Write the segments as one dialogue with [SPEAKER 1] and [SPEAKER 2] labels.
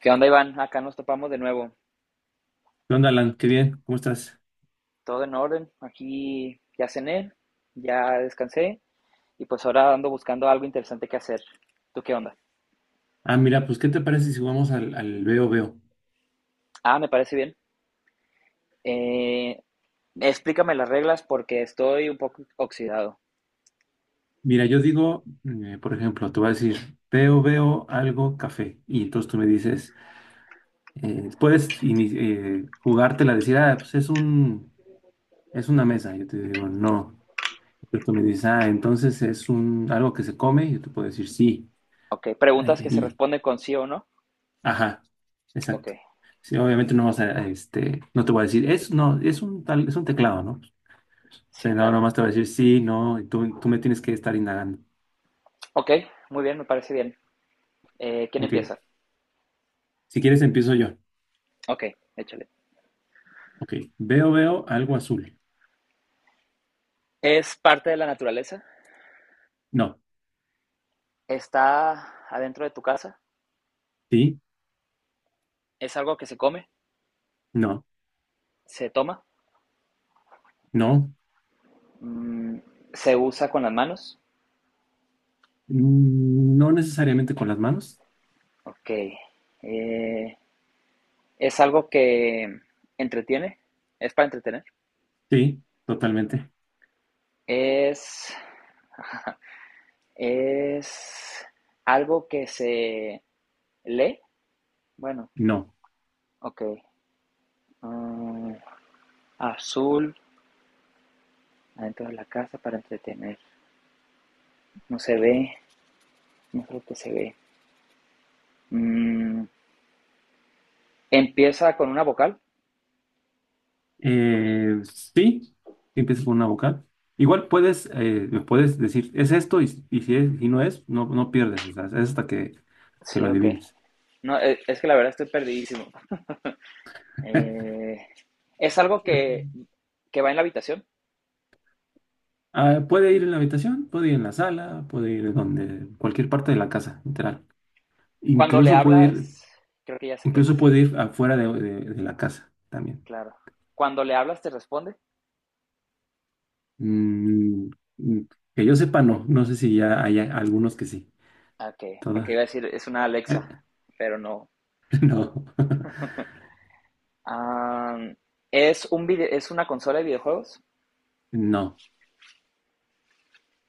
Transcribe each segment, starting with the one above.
[SPEAKER 1] ¿Qué onda, Iván? Acá nos topamos de nuevo.
[SPEAKER 2] ¿Qué onda, Alan? Qué bien, ¿cómo estás?
[SPEAKER 1] Todo en orden. Aquí ya cené, ya descansé y pues ahora ando buscando algo interesante que hacer. ¿Tú qué onda?
[SPEAKER 2] Ah, mira, pues, ¿qué te parece si jugamos al veo veo?
[SPEAKER 1] Ah, me parece bien. Eh, Explícame las reglas porque estoy un poco oxidado.
[SPEAKER 2] Mira, yo digo, por ejemplo, te voy a decir, veo veo algo café. Y entonces tú me dices, jugártela, decir, ah, pues es una mesa. Yo te digo, no. Entonces tú me dices, ah, entonces es un, algo que se come. Yo te puedo decir, sí.
[SPEAKER 1] Ok,
[SPEAKER 2] eh,
[SPEAKER 1] preguntas que se
[SPEAKER 2] y,
[SPEAKER 1] responden con sí o no.
[SPEAKER 2] ajá,
[SPEAKER 1] Ok,
[SPEAKER 2] exacto. Sí, obviamente no vas a este, no te voy a decir, es, no, es un tal, es un teclado, ¿no? Sí,
[SPEAKER 1] sí,
[SPEAKER 2] no,
[SPEAKER 1] claro.
[SPEAKER 2] nomás te va a decir sí, no, y tú me tienes que estar indagando.
[SPEAKER 1] Ok, muy bien, me parece bien. ¿Quién
[SPEAKER 2] Ok,
[SPEAKER 1] empieza?
[SPEAKER 2] si quieres empiezo yo.
[SPEAKER 1] Ok, échale.
[SPEAKER 2] Ok, veo, veo algo azul.
[SPEAKER 1] ¿Es parte de la naturaleza?
[SPEAKER 2] No,
[SPEAKER 1] ¿Está adentro de tu casa?
[SPEAKER 2] sí,
[SPEAKER 1] ¿Es algo que se come?
[SPEAKER 2] no,
[SPEAKER 1] ¿Se toma?
[SPEAKER 2] no,
[SPEAKER 1] Mm. ¿Se usa con las manos?
[SPEAKER 2] no necesariamente con las manos.
[SPEAKER 1] Ok. Eh, ¿Es algo que entretiene? ¿Es para entretener?
[SPEAKER 2] Sí, totalmente.
[SPEAKER 1] ¿Es, ¿es algo que se lee? Bueno,
[SPEAKER 2] No.
[SPEAKER 1] ok. Mm, azul, adentro de la casa para entretener. No se ve, no es algo que se ve. Mm, ¿empieza con una vocal?
[SPEAKER 2] Sí, empiezas con una vocal. Igual puedes, puedes decir, es esto, y si es, y no es, no, no pierdes, o sea, es hasta que lo
[SPEAKER 1] Sí, ok.
[SPEAKER 2] adivines.
[SPEAKER 1] No, es que la verdad estoy perdidísimo. Eh, es algo que, que va en la habitación.
[SPEAKER 2] Ah, puede ir en la habitación, puede ir en la sala, puede ir donde, cualquier parte de la casa, literal.
[SPEAKER 1] Cuando le
[SPEAKER 2] Incluso puede
[SPEAKER 1] hablas,
[SPEAKER 2] ir,
[SPEAKER 1] creo que ya sé qué
[SPEAKER 2] incluso
[SPEAKER 1] es,
[SPEAKER 2] puede ir afuera de la casa también.
[SPEAKER 1] claro. Cuando le hablas, ¿te responde?
[SPEAKER 2] Mm, mm, que yo sepa, no. No sé si ya hay a- algunos que sí.
[SPEAKER 1] Ok, porque
[SPEAKER 2] Todas.
[SPEAKER 1] iba a decir, es una
[SPEAKER 2] eh,
[SPEAKER 1] Alexa, pero no.
[SPEAKER 2] no.
[SPEAKER 1] Am, es una consola de videojuegos,
[SPEAKER 2] No.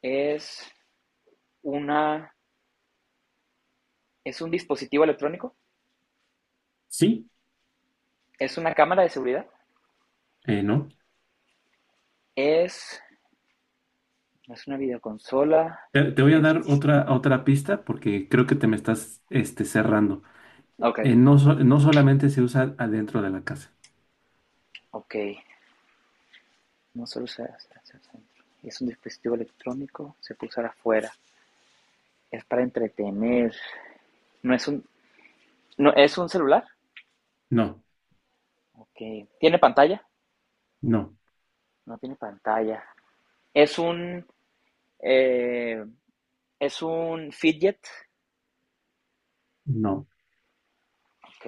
[SPEAKER 1] es una, es un dispositivo electrónico,
[SPEAKER 2] Sí,
[SPEAKER 1] es una cámara de seguridad,
[SPEAKER 2] no.
[SPEAKER 1] es, no es una videoconsola,
[SPEAKER 2] Te, te voy a
[SPEAKER 1] es,
[SPEAKER 2] dar otra, otra pista porque creo que te me estás este, cerrando.
[SPEAKER 1] ok,
[SPEAKER 2] No, no solamente se usa adentro de la casa.
[SPEAKER 1] ok, no solo se hace. Es un dispositivo electrónico, se puede usar afuera. Es para entretener. No es un, no, es un celular.
[SPEAKER 2] No,
[SPEAKER 1] Okay. ¿Tiene pantalla?
[SPEAKER 2] no,
[SPEAKER 1] No tiene pantalla. Es un, eh, es un fidget.
[SPEAKER 2] no.
[SPEAKER 1] Ok.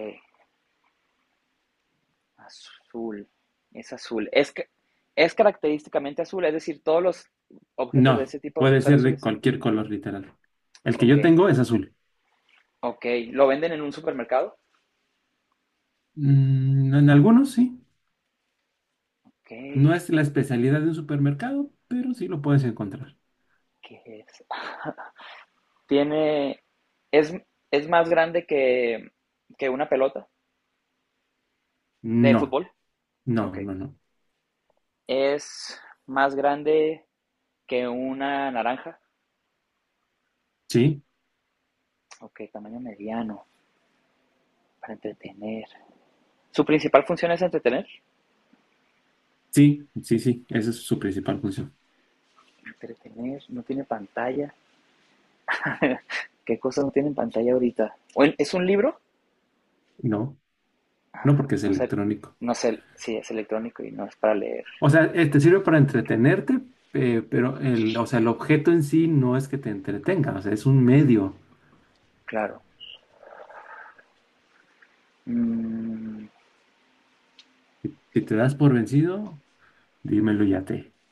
[SPEAKER 1] Azul. Es azul. Es característicamente azul. Es decir, todos los objetos de
[SPEAKER 2] No,
[SPEAKER 1] ese tipo
[SPEAKER 2] puede
[SPEAKER 1] son
[SPEAKER 2] ser de
[SPEAKER 1] azules.
[SPEAKER 2] cualquier color, literal. El que
[SPEAKER 1] Ok.
[SPEAKER 2] yo tengo es azul.
[SPEAKER 1] Ok. ¿Lo venden en un supermercado?
[SPEAKER 2] Mm, en algunos sí.
[SPEAKER 1] Ok.
[SPEAKER 2] No es la especialidad de un supermercado, pero sí lo puedes encontrar.
[SPEAKER 1] ¿Qué es? tiene. Es, es más grande que una pelota de
[SPEAKER 2] No,
[SPEAKER 1] fútbol.
[SPEAKER 2] no,
[SPEAKER 1] Ok.
[SPEAKER 2] no, no.
[SPEAKER 1] Es más grande que una naranja.
[SPEAKER 2] Sí,
[SPEAKER 1] Ok, tamaño mediano para entretener. Su principal función es entretener.
[SPEAKER 2] sí, sí, sí. Esa es su principal función.
[SPEAKER 1] Entretener, no tiene pantalla. ¿Qué cosas no tienen pantalla ahorita? ¿Es un libro?
[SPEAKER 2] No, no porque es
[SPEAKER 1] No sé,
[SPEAKER 2] electrónico.
[SPEAKER 1] no sé si sí, es electrónico y no es para leer,
[SPEAKER 2] O sea, te sirve para entretenerte, pero el objeto en sí no es que te entretenga, o sea, es un medio.
[SPEAKER 1] claro. Mm,
[SPEAKER 2] Si te das por vencido, dímelo ya te.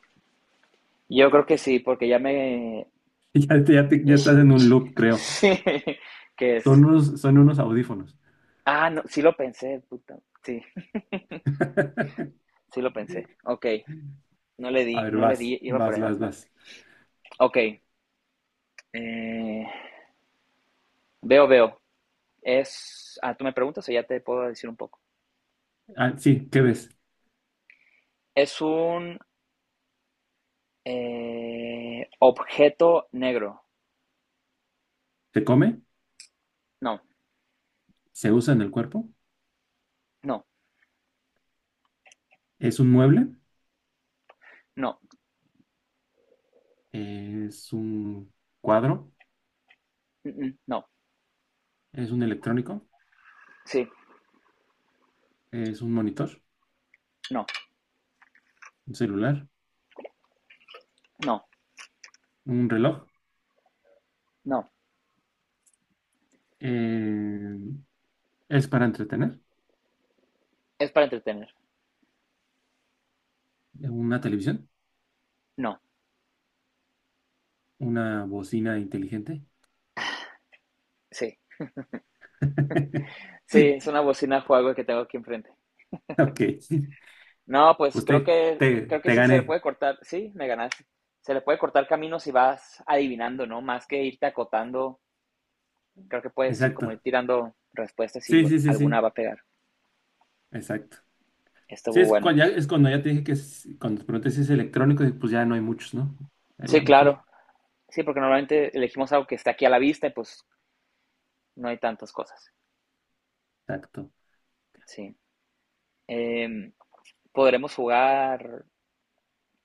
[SPEAKER 1] yo creo que sí, porque ya me...
[SPEAKER 2] Ya, ya estás en un loop, creo.
[SPEAKER 1] Sí, ¿qué es?
[SPEAKER 2] Son unos audífonos.
[SPEAKER 1] Ah, no, sí lo pensé, puta. Sí, sí lo pensé. Ok, no le
[SPEAKER 2] A
[SPEAKER 1] di,
[SPEAKER 2] ver,
[SPEAKER 1] no le
[SPEAKER 2] vas,
[SPEAKER 1] di, iba para
[SPEAKER 2] vas,
[SPEAKER 1] allá.
[SPEAKER 2] vas, vas.
[SPEAKER 1] Ok, eh, veo, veo. Es, ah, tú me preguntas o ya te puedo decir un poco.
[SPEAKER 2] Ah, sí, ¿qué ves?
[SPEAKER 1] Es un objeto negro.
[SPEAKER 2] Se come,
[SPEAKER 1] No,
[SPEAKER 2] se usa en el cuerpo,
[SPEAKER 1] no,
[SPEAKER 2] es un mueble,
[SPEAKER 1] no,
[SPEAKER 2] es un cuadro,
[SPEAKER 1] mm, mm, no,
[SPEAKER 2] es un electrónico,
[SPEAKER 1] sí,
[SPEAKER 2] es un monitor,
[SPEAKER 1] no,
[SPEAKER 2] un celular,
[SPEAKER 1] no,
[SPEAKER 2] un reloj,
[SPEAKER 1] no.
[SPEAKER 2] eh, es para entretener,
[SPEAKER 1] Es para entretener.
[SPEAKER 2] una televisión,
[SPEAKER 1] No,
[SPEAKER 2] una bocina inteligente.
[SPEAKER 1] sí, sí, es una bocina juego que tengo aquí enfrente.
[SPEAKER 2] Ok,
[SPEAKER 1] No, pues
[SPEAKER 2] pues te, te,
[SPEAKER 1] creo que
[SPEAKER 2] te
[SPEAKER 1] sí se le
[SPEAKER 2] gané,
[SPEAKER 1] puede cortar. Sí, me ganaste. Se le puede cortar camino si vas adivinando, ¿no? Más que irte acotando, creo que puedes ir como ir
[SPEAKER 2] exacto.
[SPEAKER 1] tirando respuestas y
[SPEAKER 2] Sí, sí, sí,
[SPEAKER 1] alguna
[SPEAKER 2] sí,
[SPEAKER 1] va a pegar.
[SPEAKER 2] exacto. Sí,
[SPEAKER 1] Estuvo buena.
[SPEAKER 2] es cuando ya te dije que es- cuando te pregunté si es electrónico, dije, pues ya no hay muchos, ¿no? Ya, ya
[SPEAKER 1] Sí,
[SPEAKER 2] me fui.
[SPEAKER 1] claro. Sí, porque normalmente elegimos algo que está aquí a la vista y pues no hay tantas cosas.
[SPEAKER 2] Exacto.
[SPEAKER 1] Sí. Eh, Podremos jugar,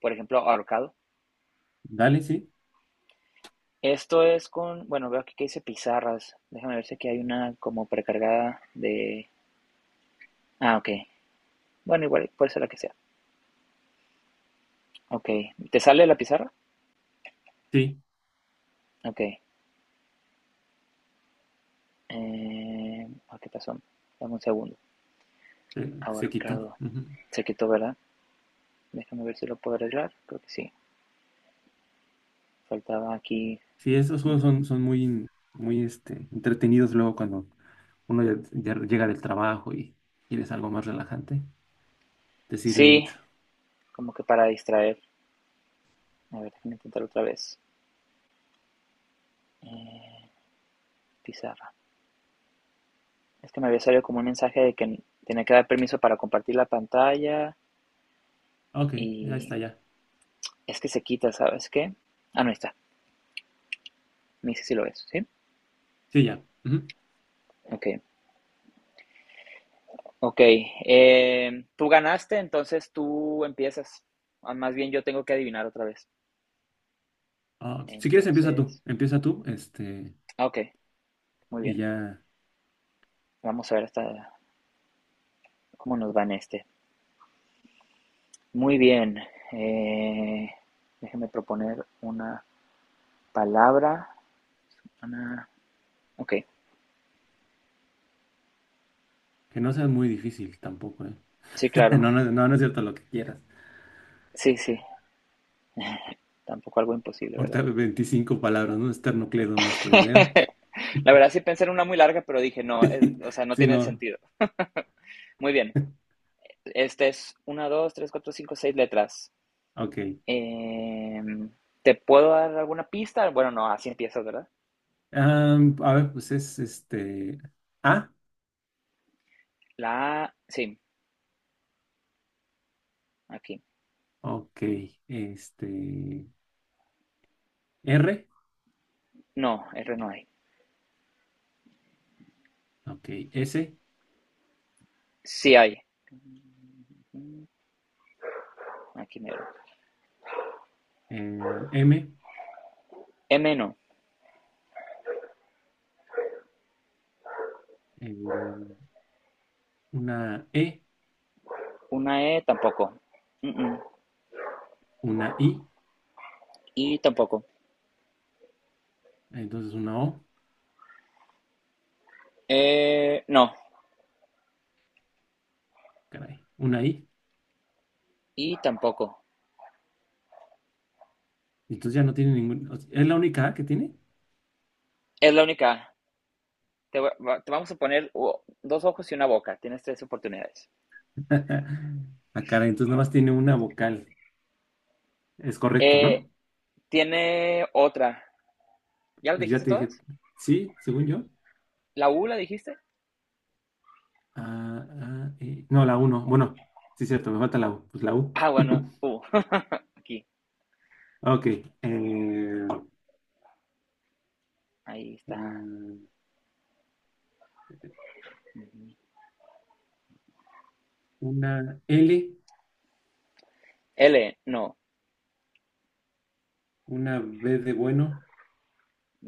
[SPEAKER 1] por ejemplo, ahorcado.
[SPEAKER 2] Dale, sí.
[SPEAKER 1] Esto es con, bueno, veo aquí que dice pizarras. Déjame ver si aquí hay una como precargada de... Ah, ok. Bueno, igual puede ser la que sea. Ok. ¿Te sale la pizarra?
[SPEAKER 2] Sí,
[SPEAKER 1] Ok. ¿Qué pasó? Dame un segundo.
[SPEAKER 2] se quitó.
[SPEAKER 1] Ahorcado.
[SPEAKER 2] Ujú.
[SPEAKER 1] Se quitó, ¿verdad? Déjame ver si lo puedo arreglar. Creo que sí. Faltaba aquí
[SPEAKER 2] Sí, esos
[SPEAKER 1] un.
[SPEAKER 2] juegos son, son muy, muy este, entretenidos luego cuando uno ya, ya llega del trabajo y quieres algo más relajante. Te sirven
[SPEAKER 1] Sí,
[SPEAKER 2] mucho.
[SPEAKER 1] como que para distraer. A ver, déjame intentar otra vez. Eh, pizarra. Es que me había salido como un mensaje de que tenía que dar permiso para compartir la pantalla
[SPEAKER 2] Ok, ya
[SPEAKER 1] y
[SPEAKER 2] está, ya.
[SPEAKER 1] es que se quita, ¿sabes qué? Ah, no, ahí está. Me dice si lo ves, ¿sí?
[SPEAKER 2] Sí, ya. Ujú.
[SPEAKER 1] Ok. Ok, tú ganaste, entonces tú empiezas. Ah, más bien yo tengo que adivinar otra vez.
[SPEAKER 2] Ah, si quieres, empieza tú.
[SPEAKER 1] Entonces,
[SPEAKER 2] Empieza tú, este,
[SPEAKER 1] ok, muy
[SPEAKER 2] y
[SPEAKER 1] bien.
[SPEAKER 2] ya.
[SPEAKER 1] Vamos a ver hasta cómo nos va en este. Muy bien. eh, déjeme proponer una palabra. ah, ok,
[SPEAKER 2] Que no sea muy difícil tampoco, ¿eh?
[SPEAKER 1] sí, claro.
[SPEAKER 2] No, no, no, no es cierto lo que quieras.
[SPEAKER 1] Sí, sí. Tampoco algo imposible, ¿verdad?
[SPEAKER 2] Ahorita 25 palabras, ¿no? Esternocleidomastoideo.
[SPEAKER 1] La verdad sí pensé en una muy larga, pero dije, no, o sea, no
[SPEAKER 2] Sí,
[SPEAKER 1] tiene
[SPEAKER 2] no.
[SPEAKER 1] sentido. Muy bien. Este es una, dos, tres, cuatro, cinco, seis letras.
[SPEAKER 2] Ok.
[SPEAKER 1] Em, ¿Te puedo dar alguna pista? Bueno, no, así empiezas, ¿verdad?
[SPEAKER 2] Am, a ver, pues es este. A.
[SPEAKER 1] La A, sí, aquí.
[SPEAKER 2] Ok. Este. R.
[SPEAKER 1] No, R no hay.
[SPEAKER 2] Ok. S.
[SPEAKER 1] Sí hay. Mm, aquí mero.
[SPEAKER 2] em, M.
[SPEAKER 1] M no.
[SPEAKER 2] em, una E.
[SPEAKER 1] Una E tampoco. Mm, mm.
[SPEAKER 2] Una I.
[SPEAKER 1] Y tampoco.
[SPEAKER 2] Entonces una O.
[SPEAKER 1] No.
[SPEAKER 2] Caray. Una I.
[SPEAKER 1] Y tampoco.
[SPEAKER 2] Entonces ya no tiene ningún. O sea, ¿es la única A que tiene?
[SPEAKER 1] Es la única. Te, va- te vamos a poner dos ojos y una boca. Tienes tres oportunidades.
[SPEAKER 2] Ah, caray. Entonces nada más tiene una vocal. Es correcto,
[SPEAKER 1] Eh,
[SPEAKER 2] ¿no?
[SPEAKER 1] tiene otra. ¿Ya la
[SPEAKER 2] Ya
[SPEAKER 1] dijiste
[SPEAKER 2] te dije.
[SPEAKER 1] todas?
[SPEAKER 2] Sí, según yo.
[SPEAKER 1] ¿La U la dijiste?
[SPEAKER 2] Ah, ah, no, la U no. Bueno, sí, es cierto, me falta la U. Pues la U.
[SPEAKER 1] Ah, bueno, U. Aquí.
[SPEAKER 2] Ok. eh,
[SPEAKER 1] Ahí está.
[SPEAKER 2] eh, una L,
[SPEAKER 1] L, no.
[SPEAKER 2] una B de bueno.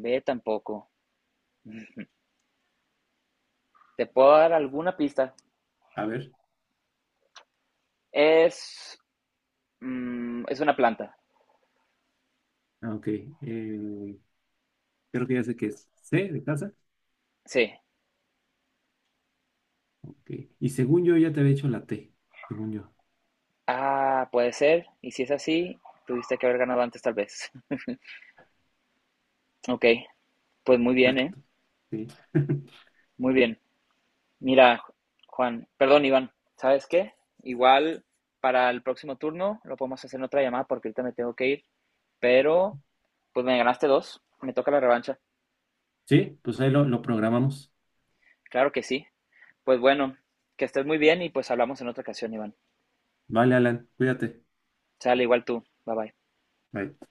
[SPEAKER 1] B tampoco. ¿Te puedo dar alguna pista?
[SPEAKER 2] A ver.
[SPEAKER 1] Es, mm, es una planta.
[SPEAKER 2] Ah, ok. eh, creo que ya sé que es C de casa.
[SPEAKER 1] Sí.
[SPEAKER 2] Ok. Y según yo ya te había hecho la T, según yo.
[SPEAKER 1] Ah, puede ser. Y si es así, tuviste que haber ganado antes tal vez. Ok, pues muy bien, ¿eh?
[SPEAKER 2] Exacto. Sí.
[SPEAKER 1] Muy bien. Mira, Juan, perdón, Iván, ¿sabes qué? Igual para el próximo turno lo podemos hacer en otra llamada porque ahorita me tengo que ir, pero pues me ganaste dos, me toca la revancha.
[SPEAKER 2] Sí, pues ahí lo programamos.
[SPEAKER 1] Claro que sí. Pues bueno, que estés muy bien y pues hablamos en otra ocasión, Iván.
[SPEAKER 2] Vale, Alan, cuídate.
[SPEAKER 1] Sale, igual tú. Bye bye.
[SPEAKER 2] Bye.